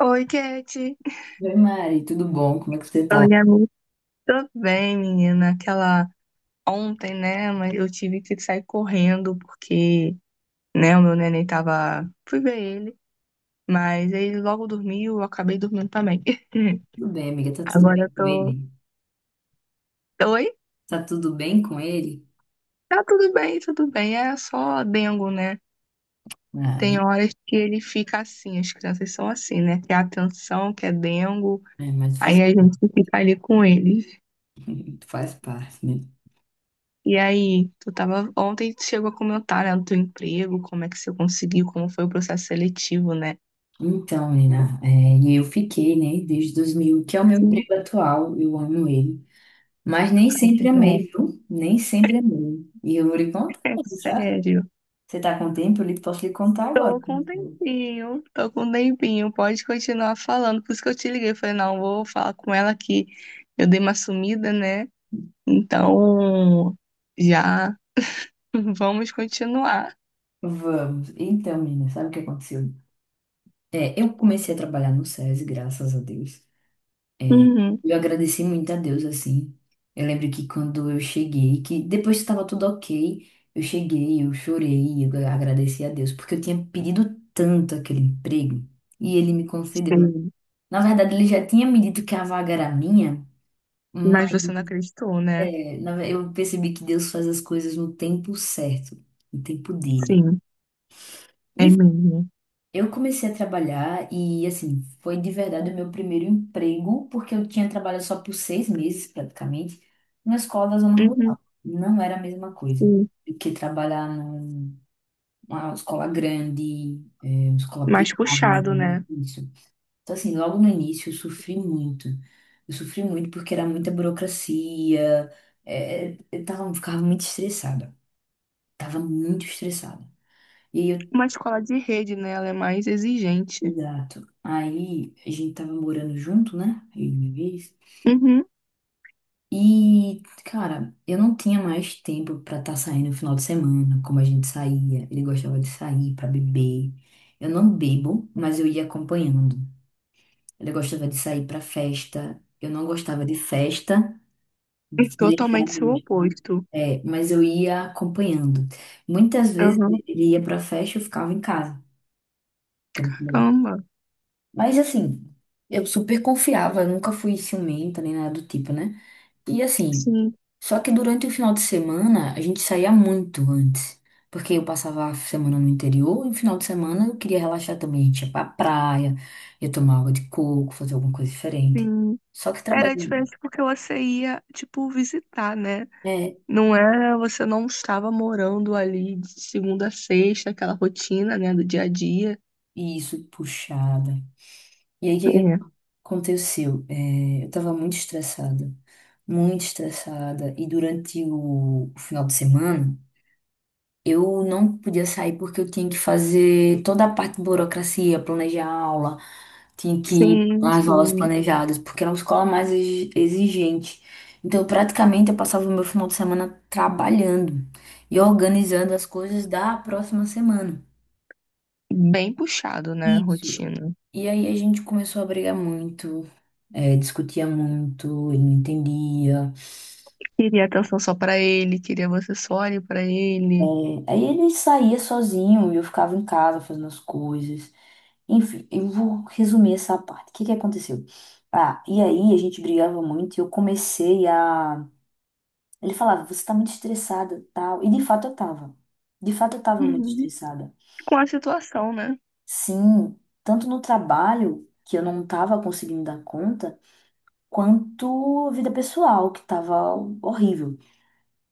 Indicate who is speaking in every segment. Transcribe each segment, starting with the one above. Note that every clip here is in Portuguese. Speaker 1: Oi, Kate.
Speaker 2: Oi, Mari, tudo bom? Como é que você tá?
Speaker 1: Oi, amigo. Tudo bem, menina? Aquela ontem, né? Mas eu tive que sair correndo porque, né, o meu neném tava. Fui ver ele, mas ele logo dormiu, eu acabei dormindo também.
Speaker 2: Tudo bem, amiga? Tá tudo bem
Speaker 1: Agora
Speaker 2: com
Speaker 1: eu
Speaker 2: ele?
Speaker 1: tô. Oi?
Speaker 2: Tá tudo bem com ele?
Speaker 1: Tá tudo bem, tudo bem. É só dengo, né?
Speaker 2: Ah, né?
Speaker 1: Tem horas que ele fica assim, as crianças são assim, né? Quer atenção, quer dengo,
Speaker 2: é, mas faz,
Speaker 1: aí a gente fica ali com ele.
Speaker 2: faz parte, né?
Speaker 1: E aí, tu tava ontem tu chegou a comentar, né, do teu emprego, como é que você conseguiu, como foi o processo seletivo, né?
Speaker 2: Então, menina, é, e eu fiquei, né, desde 2000, que é o meu
Speaker 1: Sim,
Speaker 2: emprego atual, eu amo ele. Mas nem
Speaker 1: ai, que
Speaker 2: sempre
Speaker 1: bom.
Speaker 2: amei, viu? Nem sempre amei. E eu vou lhe contar,
Speaker 1: É
Speaker 2: já.
Speaker 1: sério.
Speaker 2: Você tá com tempo? Posso lhe contar agora.
Speaker 1: Tô com um tempinho, tô com um tempinho, pode continuar falando. Por isso que eu te liguei, falei, não, vou falar com ela que eu dei uma sumida, né? Então, já, vamos continuar.
Speaker 2: Vamos. Então, menina, sabe o que aconteceu? É, eu comecei a trabalhar no SESI, graças a Deus.
Speaker 1: Uhum.
Speaker 2: Eu agradeci muito a Deus, assim. Eu lembro que quando eu cheguei, que depois que estava tudo ok, eu cheguei, eu chorei, eu agradeci a Deus, porque eu tinha pedido tanto aquele emprego e ele me concedeu, né?
Speaker 1: Sim.
Speaker 2: Na verdade, ele já tinha me dito que a vaga era minha,
Speaker 1: Mas
Speaker 2: mas
Speaker 1: você não acreditou, né?
Speaker 2: é, eu percebi que Deus faz as coisas no tempo certo, no tempo dele.
Speaker 1: Sim, é mesmo.
Speaker 2: Eu comecei a trabalhar e, assim, foi de verdade o meu primeiro emprego, porque eu tinha trabalhado só por 6 meses, praticamente, numa escola da zona
Speaker 1: Uhum.
Speaker 2: rural. Não era a mesma coisa
Speaker 1: Sim.
Speaker 2: do que trabalhar numa escola grande, é, uma escola
Speaker 1: Mais
Speaker 2: privada,
Speaker 1: puxado, né?
Speaker 2: isso. Então, assim, logo no início eu sofri muito. Eu sofri muito porque era muita burocracia, é, eu tava, ficava muito estressada. Tava muito estressada. E aí eu
Speaker 1: Uma escola de rede, né? Ela é mais exigente.
Speaker 2: exato. Aí a gente tava morando junto, né? Eu e minha vez.
Speaker 1: Uhum.
Speaker 2: E, cara, eu não tinha mais tempo pra estar saindo no final de semana, como a gente saía. Ele gostava de sair pra beber. Eu não bebo, mas eu ia acompanhando. Ele gostava de sair pra festa. Eu não gostava de festa,
Speaker 1: E
Speaker 2: de se deixar
Speaker 1: totalmente seu
Speaker 2: gostar.
Speaker 1: oposto.
Speaker 2: É, mas eu ia acompanhando. Muitas vezes
Speaker 1: Aham.
Speaker 2: ele ia pra festa e eu ficava em casa.
Speaker 1: Caramba.
Speaker 2: Mas assim, eu super confiava, eu nunca fui ciumenta nem nada do tipo, né? E assim,
Speaker 1: Sim,
Speaker 2: só que durante o final de semana a gente saía muito antes. Porque eu passava a semana no interior e no final de semana eu queria relaxar também. A gente ia pra praia, ia tomar água de coco, fazer alguma coisa diferente.
Speaker 1: sim.
Speaker 2: Só que
Speaker 1: Era
Speaker 2: trabalhando.
Speaker 1: diferente porque você ia, tipo, visitar, né?
Speaker 2: É,
Speaker 1: Não era, você não estava morando ali de segunda a sexta, aquela rotina, né, do dia a dia.
Speaker 2: isso, puxada. E aí o que que
Speaker 1: É.
Speaker 2: aconteceu? É, eu tava muito estressada. Muito estressada. E durante o final de semana. Eu não podia sair porque eu tinha que fazer toda a parte de burocracia, planejar a aula, tinha que ir
Speaker 1: Sim,
Speaker 2: nas aulas
Speaker 1: sim.
Speaker 2: planejadas, porque era uma escola mais exigente. Então, praticamente, eu passava o meu final de semana trabalhando e organizando as coisas da próxima semana.
Speaker 1: Bem puxado, né, a
Speaker 2: Isso.
Speaker 1: rotina.
Speaker 2: E aí a gente começou a brigar muito, eh, discutia muito, ele não entendia.
Speaker 1: Queria atenção só pra ele, queria você só ali pra ele.
Speaker 2: Eh, aí ele saía sozinho e eu ficava em casa fazendo as coisas. Enfim, eu vou resumir essa parte. O que que aconteceu? Ah, e aí a gente brigava muito e eu comecei a. Ele falava, você tá muito estressada, tal. E de fato eu tava. De fato eu tava muito
Speaker 1: Uhum.
Speaker 2: estressada.
Speaker 1: Com a situação, né?
Speaker 2: Sim, tanto no trabalho, que eu não tava conseguindo dar conta, quanto a vida pessoal, que tava horrível.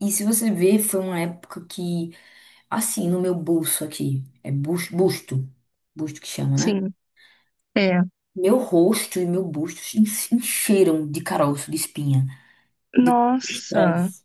Speaker 2: E se você ver, foi uma época que, assim, no meu bolso aqui, é busto, busto que chama, né?
Speaker 1: Sim. É.
Speaker 2: Meu rosto e meu busto se encheram de caroço, de espinha, de
Speaker 1: Nossa.
Speaker 2: estresse.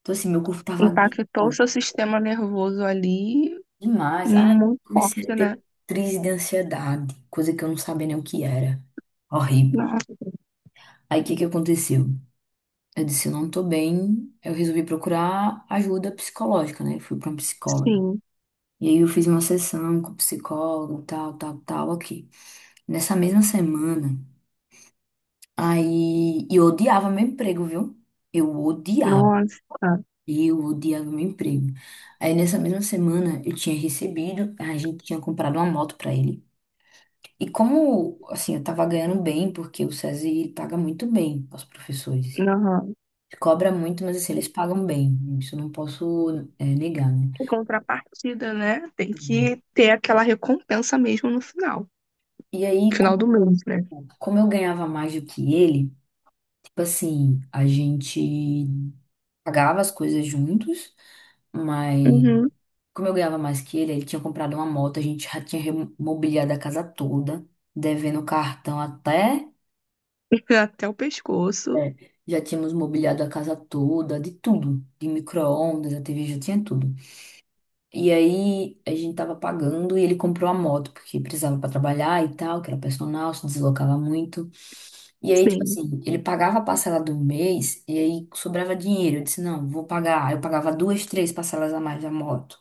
Speaker 2: Então, assim, meu corpo tava
Speaker 1: Impactou
Speaker 2: gritando
Speaker 1: seu sistema nervoso ali
Speaker 2: demais. Ah,
Speaker 1: muito
Speaker 2: comecei a
Speaker 1: forte,
Speaker 2: ter
Speaker 1: né?
Speaker 2: crise de ansiedade, coisa que eu não sabia nem o que era. Horrível.
Speaker 1: Nossa,
Speaker 2: Aí, o que que aconteceu? Eu disse, eu não tô bem. Eu resolvi procurar ajuda psicológica, né? Fui pra uma psicóloga.
Speaker 1: sim.
Speaker 2: E aí, eu fiz uma sessão com o psicólogo, tal, tal, tal, aqui. Nessa mesma semana, aí... E eu odiava meu emprego, viu? Eu odiava.
Speaker 1: Nossa.
Speaker 2: E eu odiava meu emprego. Aí nessa mesma semana eu tinha recebido, a gente tinha comprado uma moto pra ele. E como, assim, eu tava ganhando bem, porque o SESI ele paga muito bem aos professores.
Speaker 1: Aham.
Speaker 2: Cobra muito, mas assim, eles pagam bem. Isso eu não posso, é, negar, né?
Speaker 1: Em contrapartida, né? Tem que ter aquela recompensa mesmo no final.
Speaker 2: E aí,
Speaker 1: Final do
Speaker 2: como,
Speaker 1: mês, né?
Speaker 2: como eu ganhava mais do que ele, tipo assim, a gente pagava as coisas juntos, mas
Speaker 1: Uhum.
Speaker 2: como eu ganhava mais que ele tinha comprado uma moto, a gente já tinha mobiliado a casa toda, devendo cartão até.
Speaker 1: Até o pescoço.
Speaker 2: É, já tínhamos mobiliado a casa toda, de tudo, de micro-ondas, a TV já tinha tudo. E aí a gente tava pagando e ele comprou a moto, porque precisava para trabalhar e tal, que era personal, se deslocava muito. E aí, tipo
Speaker 1: Sim.
Speaker 2: assim, ele pagava a parcela do mês e aí sobrava dinheiro. Eu disse, não, vou pagar. Aí eu pagava duas, três parcelas a mais da moto.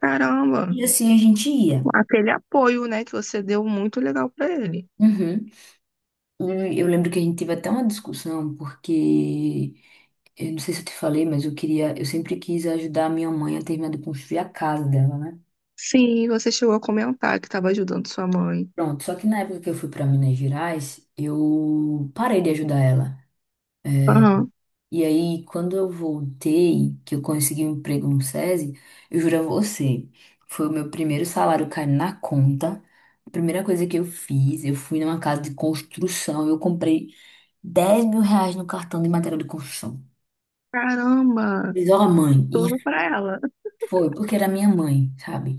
Speaker 1: Caramba.
Speaker 2: E assim a gente ia.
Speaker 1: Aquele apoio, né, que você deu muito legal pra ele.
Speaker 2: Uhum. E eu lembro que a gente teve até uma discussão, porque eu não sei se eu te falei, mas eu queria, eu sempre quis ajudar a minha mãe a terminar de construir a casa dela, né?
Speaker 1: Sim, você chegou a comentar que tava ajudando sua mãe.
Speaker 2: Pronto, só que na época que eu fui para Minas Gerais, eu parei de ajudar ela.
Speaker 1: Aham.
Speaker 2: E aí, quando eu voltei, que eu consegui um emprego no SESI, eu juro a você, foi o meu primeiro salário cair na conta. A primeira coisa que eu fiz, eu fui numa casa de construção, eu comprei R$ 10.000 no cartão de material de construção.
Speaker 1: Caramba.
Speaker 2: Diz, ó, mãe,
Speaker 1: Tudo
Speaker 2: e
Speaker 1: pra ela.
Speaker 2: foi, porque era minha mãe, sabe?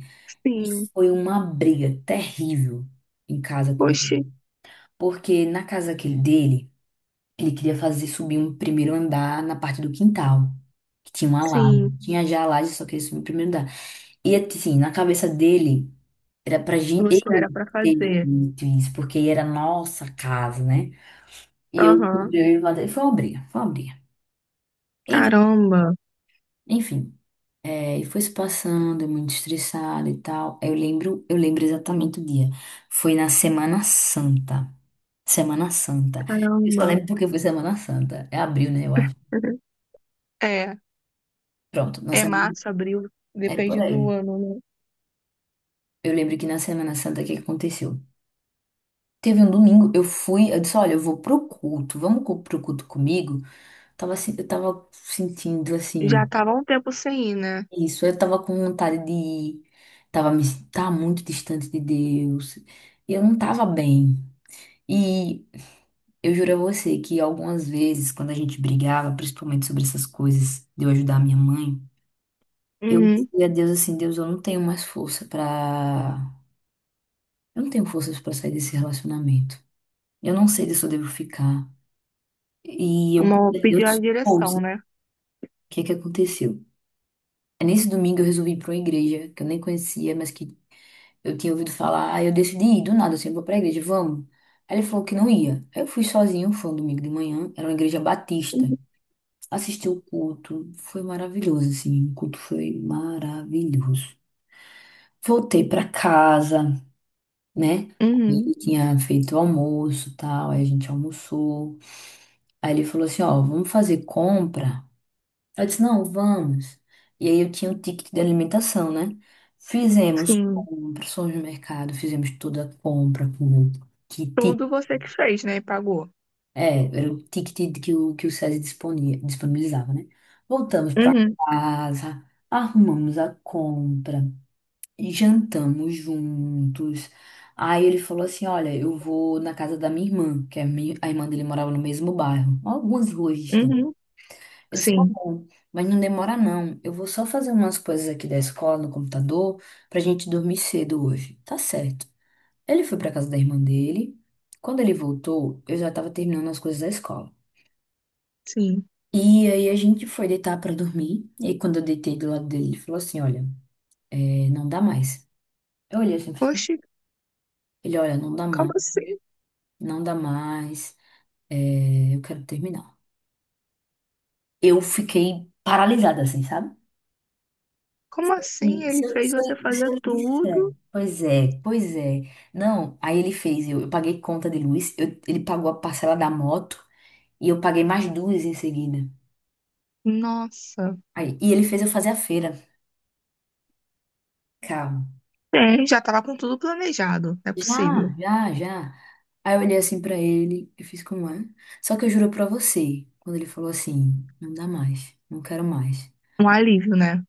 Speaker 2: E
Speaker 1: Sim.
Speaker 2: foi uma briga terrível em casa com
Speaker 1: Poxa.
Speaker 2: ele. Porque na casa aquele dele, ele queria fazer subir um primeiro andar na parte do quintal, que tinha uma
Speaker 1: Sim.
Speaker 2: laje. Tinha já a laje, só queria subir o primeiro andar. E assim, na cabeça dele, era pra gente.
Speaker 1: Você
Speaker 2: Eu
Speaker 1: era pra
Speaker 2: ter
Speaker 1: fazer.
Speaker 2: feito isso, porque era a nossa casa, né? E eu
Speaker 1: Aham.
Speaker 2: comprei ele, foi uma briga, foi uma briga.
Speaker 1: Caramba,
Speaker 2: Enfim, é, e foi se passando, eu muito estressada e tal. Aí eu lembro, eu lembro exatamente o dia. Foi na Semana Santa. Semana Santa. Eu só
Speaker 1: caramba.
Speaker 2: lembro porque foi Semana Santa. É abril, né, eu acho.
Speaker 1: Uhum. É,
Speaker 2: Pronto, na
Speaker 1: é
Speaker 2: semana,
Speaker 1: março, abril,
Speaker 2: é por
Speaker 1: depende
Speaker 2: aí.
Speaker 1: do ano, né?
Speaker 2: Eu lembro que na Semana Santa o que que aconteceu? Teve um domingo, eu fui, eu disse, olha, eu vou pro culto, pro culto comigo? Tava, eu tava sentindo,
Speaker 1: Já
Speaker 2: assim,
Speaker 1: tava um tempo sem ir, né?
Speaker 2: isso, eu tava com vontade de. Tava, me... tava muito distante de Deus. E eu não tava bem. E eu juro a você que algumas vezes, quando a gente brigava, principalmente sobre essas coisas de eu ajudar a minha mãe, eu
Speaker 1: Uhum.
Speaker 2: dizia a Deus assim: Deus, eu não tenho mais força pra. Eu não tenho forças pra sair desse relacionamento. Eu não sei se eu devo ficar. E eu
Speaker 1: Uma
Speaker 2: pedi a
Speaker 1: pediu a
Speaker 2: Deus força.
Speaker 1: direção,
Speaker 2: O
Speaker 1: né?
Speaker 2: que é que aconteceu? É nesse domingo eu resolvi ir pra uma igreja que eu nem conhecia, mas que eu tinha ouvido falar, aí eu decidi ir do nada, assim, vou pra igreja, vamos. Aí ele falou que não ia. Aí eu fui sozinho, foi um domingo de manhã, era uma igreja batista.
Speaker 1: Uhum.
Speaker 2: Assisti o culto, foi maravilhoso, assim, o culto foi maravilhoso. Voltei pra casa, né? Aí
Speaker 1: Uhum.
Speaker 2: ele tinha feito o almoço e tal, aí a gente almoçou. Aí ele falou assim: ó, vamos fazer compra. Eu disse, não, vamos. E aí eu tinha o ticket de alimentação, né? Fizemos
Speaker 1: Sim.
Speaker 2: compras, fomos no mercado, fizemos toda a compra com o kit.
Speaker 1: Tudo você que fez, né? E pagou.
Speaker 2: É, era o ticket que o SESI disponia, disponibilizava, né? Voltamos para
Speaker 1: Uhum.
Speaker 2: casa, arrumamos a compra, jantamos juntos. Aí ele falou assim, olha, eu vou na casa da minha irmã, que é a irmã dele morava no mesmo bairro, algumas ruas distantes.
Speaker 1: Uhum.
Speaker 2: Eu disse, tá
Speaker 1: Sim,
Speaker 2: bom, mas não demora não. Eu vou só fazer umas coisas aqui da escola no computador pra gente dormir cedo hoje. Tá certo. Ele foi pra casa da irmã dele. Quando ele voltou, eu já tava terminando as coisas da escola.
Speaker 1: sim.
Speaker 2: E aí a gente foi deitar pra dormir. E aí quando eu deitei do lado dele, ele falou assim, olha, é, não dá mais. Eu olhei assim,
Speaker 1: Oxe,
Speaker 2: ele, olha, não dá
Speaker 1: como
Speaker 2: mais,
Speaker 1: assim?
Speaker 2: não dá mais, é, eu quero terminar. Eu fiquei paralisada assim, sabe?
Speaker 1: Como assim
Speaker 2: E Se
Speaker 1: ele
Speaker 2: eu,
Speaker 1: fez
Speaker 2: se eu,
Speaker 1: você
Speaker 2: se
Speaker 1: fazer
Speaker 2: eu lhe disser,
Speaker 1: tudo?
Speaker 2: pois é, pois é. Não, aí ele fez, eu paguei conta de luz, eu- ele pagou a parcela da moto e eu paguei mais duas em seguida.
Speaker 1: Nossa.
Speaker 2: Aí, e ele fez eu fazer a feira. Calma.
Speaker 1: É, já tava com tudo planejado. Não é possível.
Speaker 2: Já, já, já. Aí eu olhei assim pra ele, eu fiz como é. Só que eu juro pra você, quando ele falou assim, não dá mais, não quero mais.
Speaker 1: Um alívio, né?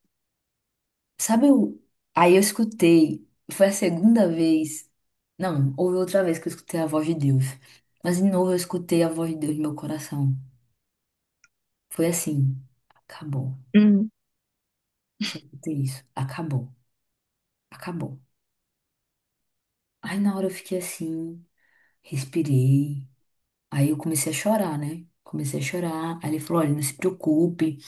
Speaker 2: Sabe, eu... aí eu escutei, foi a segunda vez, não, houve outra vez que eu escutei a voz de Deus, mas de novo eu escutei a voz de Deus no meu coração. Foi assim, acabou,
Speaker 1: Hum.
Speaker 2: só escutei isso, acabou, acabou. Aí na hora eu fiquei assim, respirei, aí eu comecei a chorar, né? Comecei a chorar, aí ele falou, olha, não se preocupe,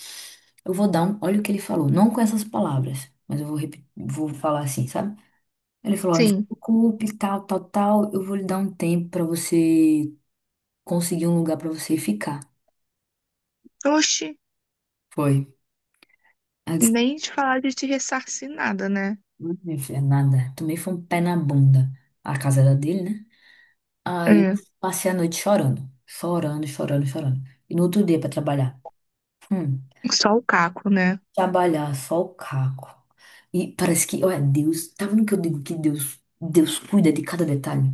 Speaker 2: eu vou dar um, olha o que ele falou, não com essas palavras, mas eu vou, vou falar assim, sabe? Ele falou, "Olha, não se
Speaker 1: Sim.
Speaker 2: preocupe, tal, tal, tal, eu vou lhe dar um tempo pra você conseguir um lugar pra você ficar.
Speaker 1: Oxi,
Speaker 2: Foi. Ela disse,
Speaker 1: nem de falar de te ressarcir nada, né?
Speaker 2: "Não, minha filha, é nada. Tomei foi um pé na bunda. A casa era dele, né? Aí eu
Speaker 1: É,
Speaker 2: passei a noite chorando, chorando, chorando, chorando. E no outro dia pra trabalhar. Hum,
Speaker 1: só o caco, né?
Speaker 2: trabalhar só o caco. E parece que, olha, Deus, tá vendo que eu digo que Deus, Deus cuida de cada detalhe?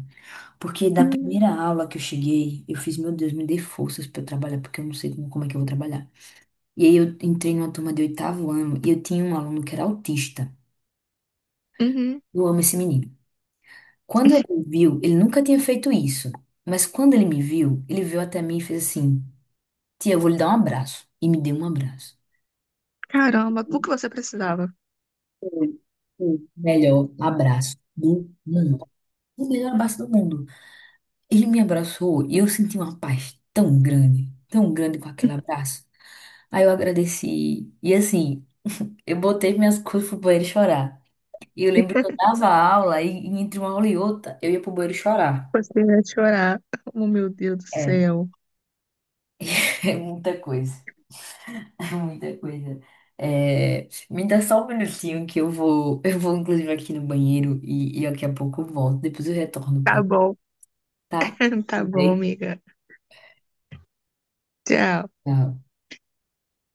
Speaker 2: Porque da
Speaker 1: Uhum,
Speaker 2: primeira aula que eu cheguei, eu fiz, meu Deus, me dê forças pra eu trabalhar, porque eu não sei como é que eu vou trabalhar. E aí eu entrei numa turma de oitavo ano e eu tinha um aluno que era autista.
Speaker 1: uhum.
Speaker 2: Eu amo esse menino. Quando ele me viu, ele nunca tinha feito isso. Mas quando ele me viu, ele veio até mim e fez assim: tia, eu vou lhe dar um abraço. E me deu um abraço.
Speaker 1: Caramba, o que você precisava?
Speaker 2: Foi o melhor abraço do mundo. O melhor abraço do mundo. Ele me abraçou e eu senti uma paz tão grande com aquele abraço. Aí eu agradeci. E assim, eu botei minhas coisas pro banheiro chorar. E eu lembro que eu dava aula e, entre uma aula e outra eu ia pro banheiro chorar.
Speaker 1: Você ia chorar. Oh, meu Deus do
Speaker 2: É,
Speaker 1: céu.
Speaker 2: é muita coisa. É muita coisa. É, me dá só um minutinho que eu vou, eu vou inclusive aqui no banheiro e, daqui a pouco eu volto. Depois eu retorno
Speaker 1: Tá
Speaker 2: pra,
Speaker 1: bom,
Speaker 2: tá?
Speaker 1: tá
Speaker 2: Tudo
Speaker 1: bom,
Speaker 2: bem?
Speaker 1: amiga. Tchau.
Speaker 2: Tchau.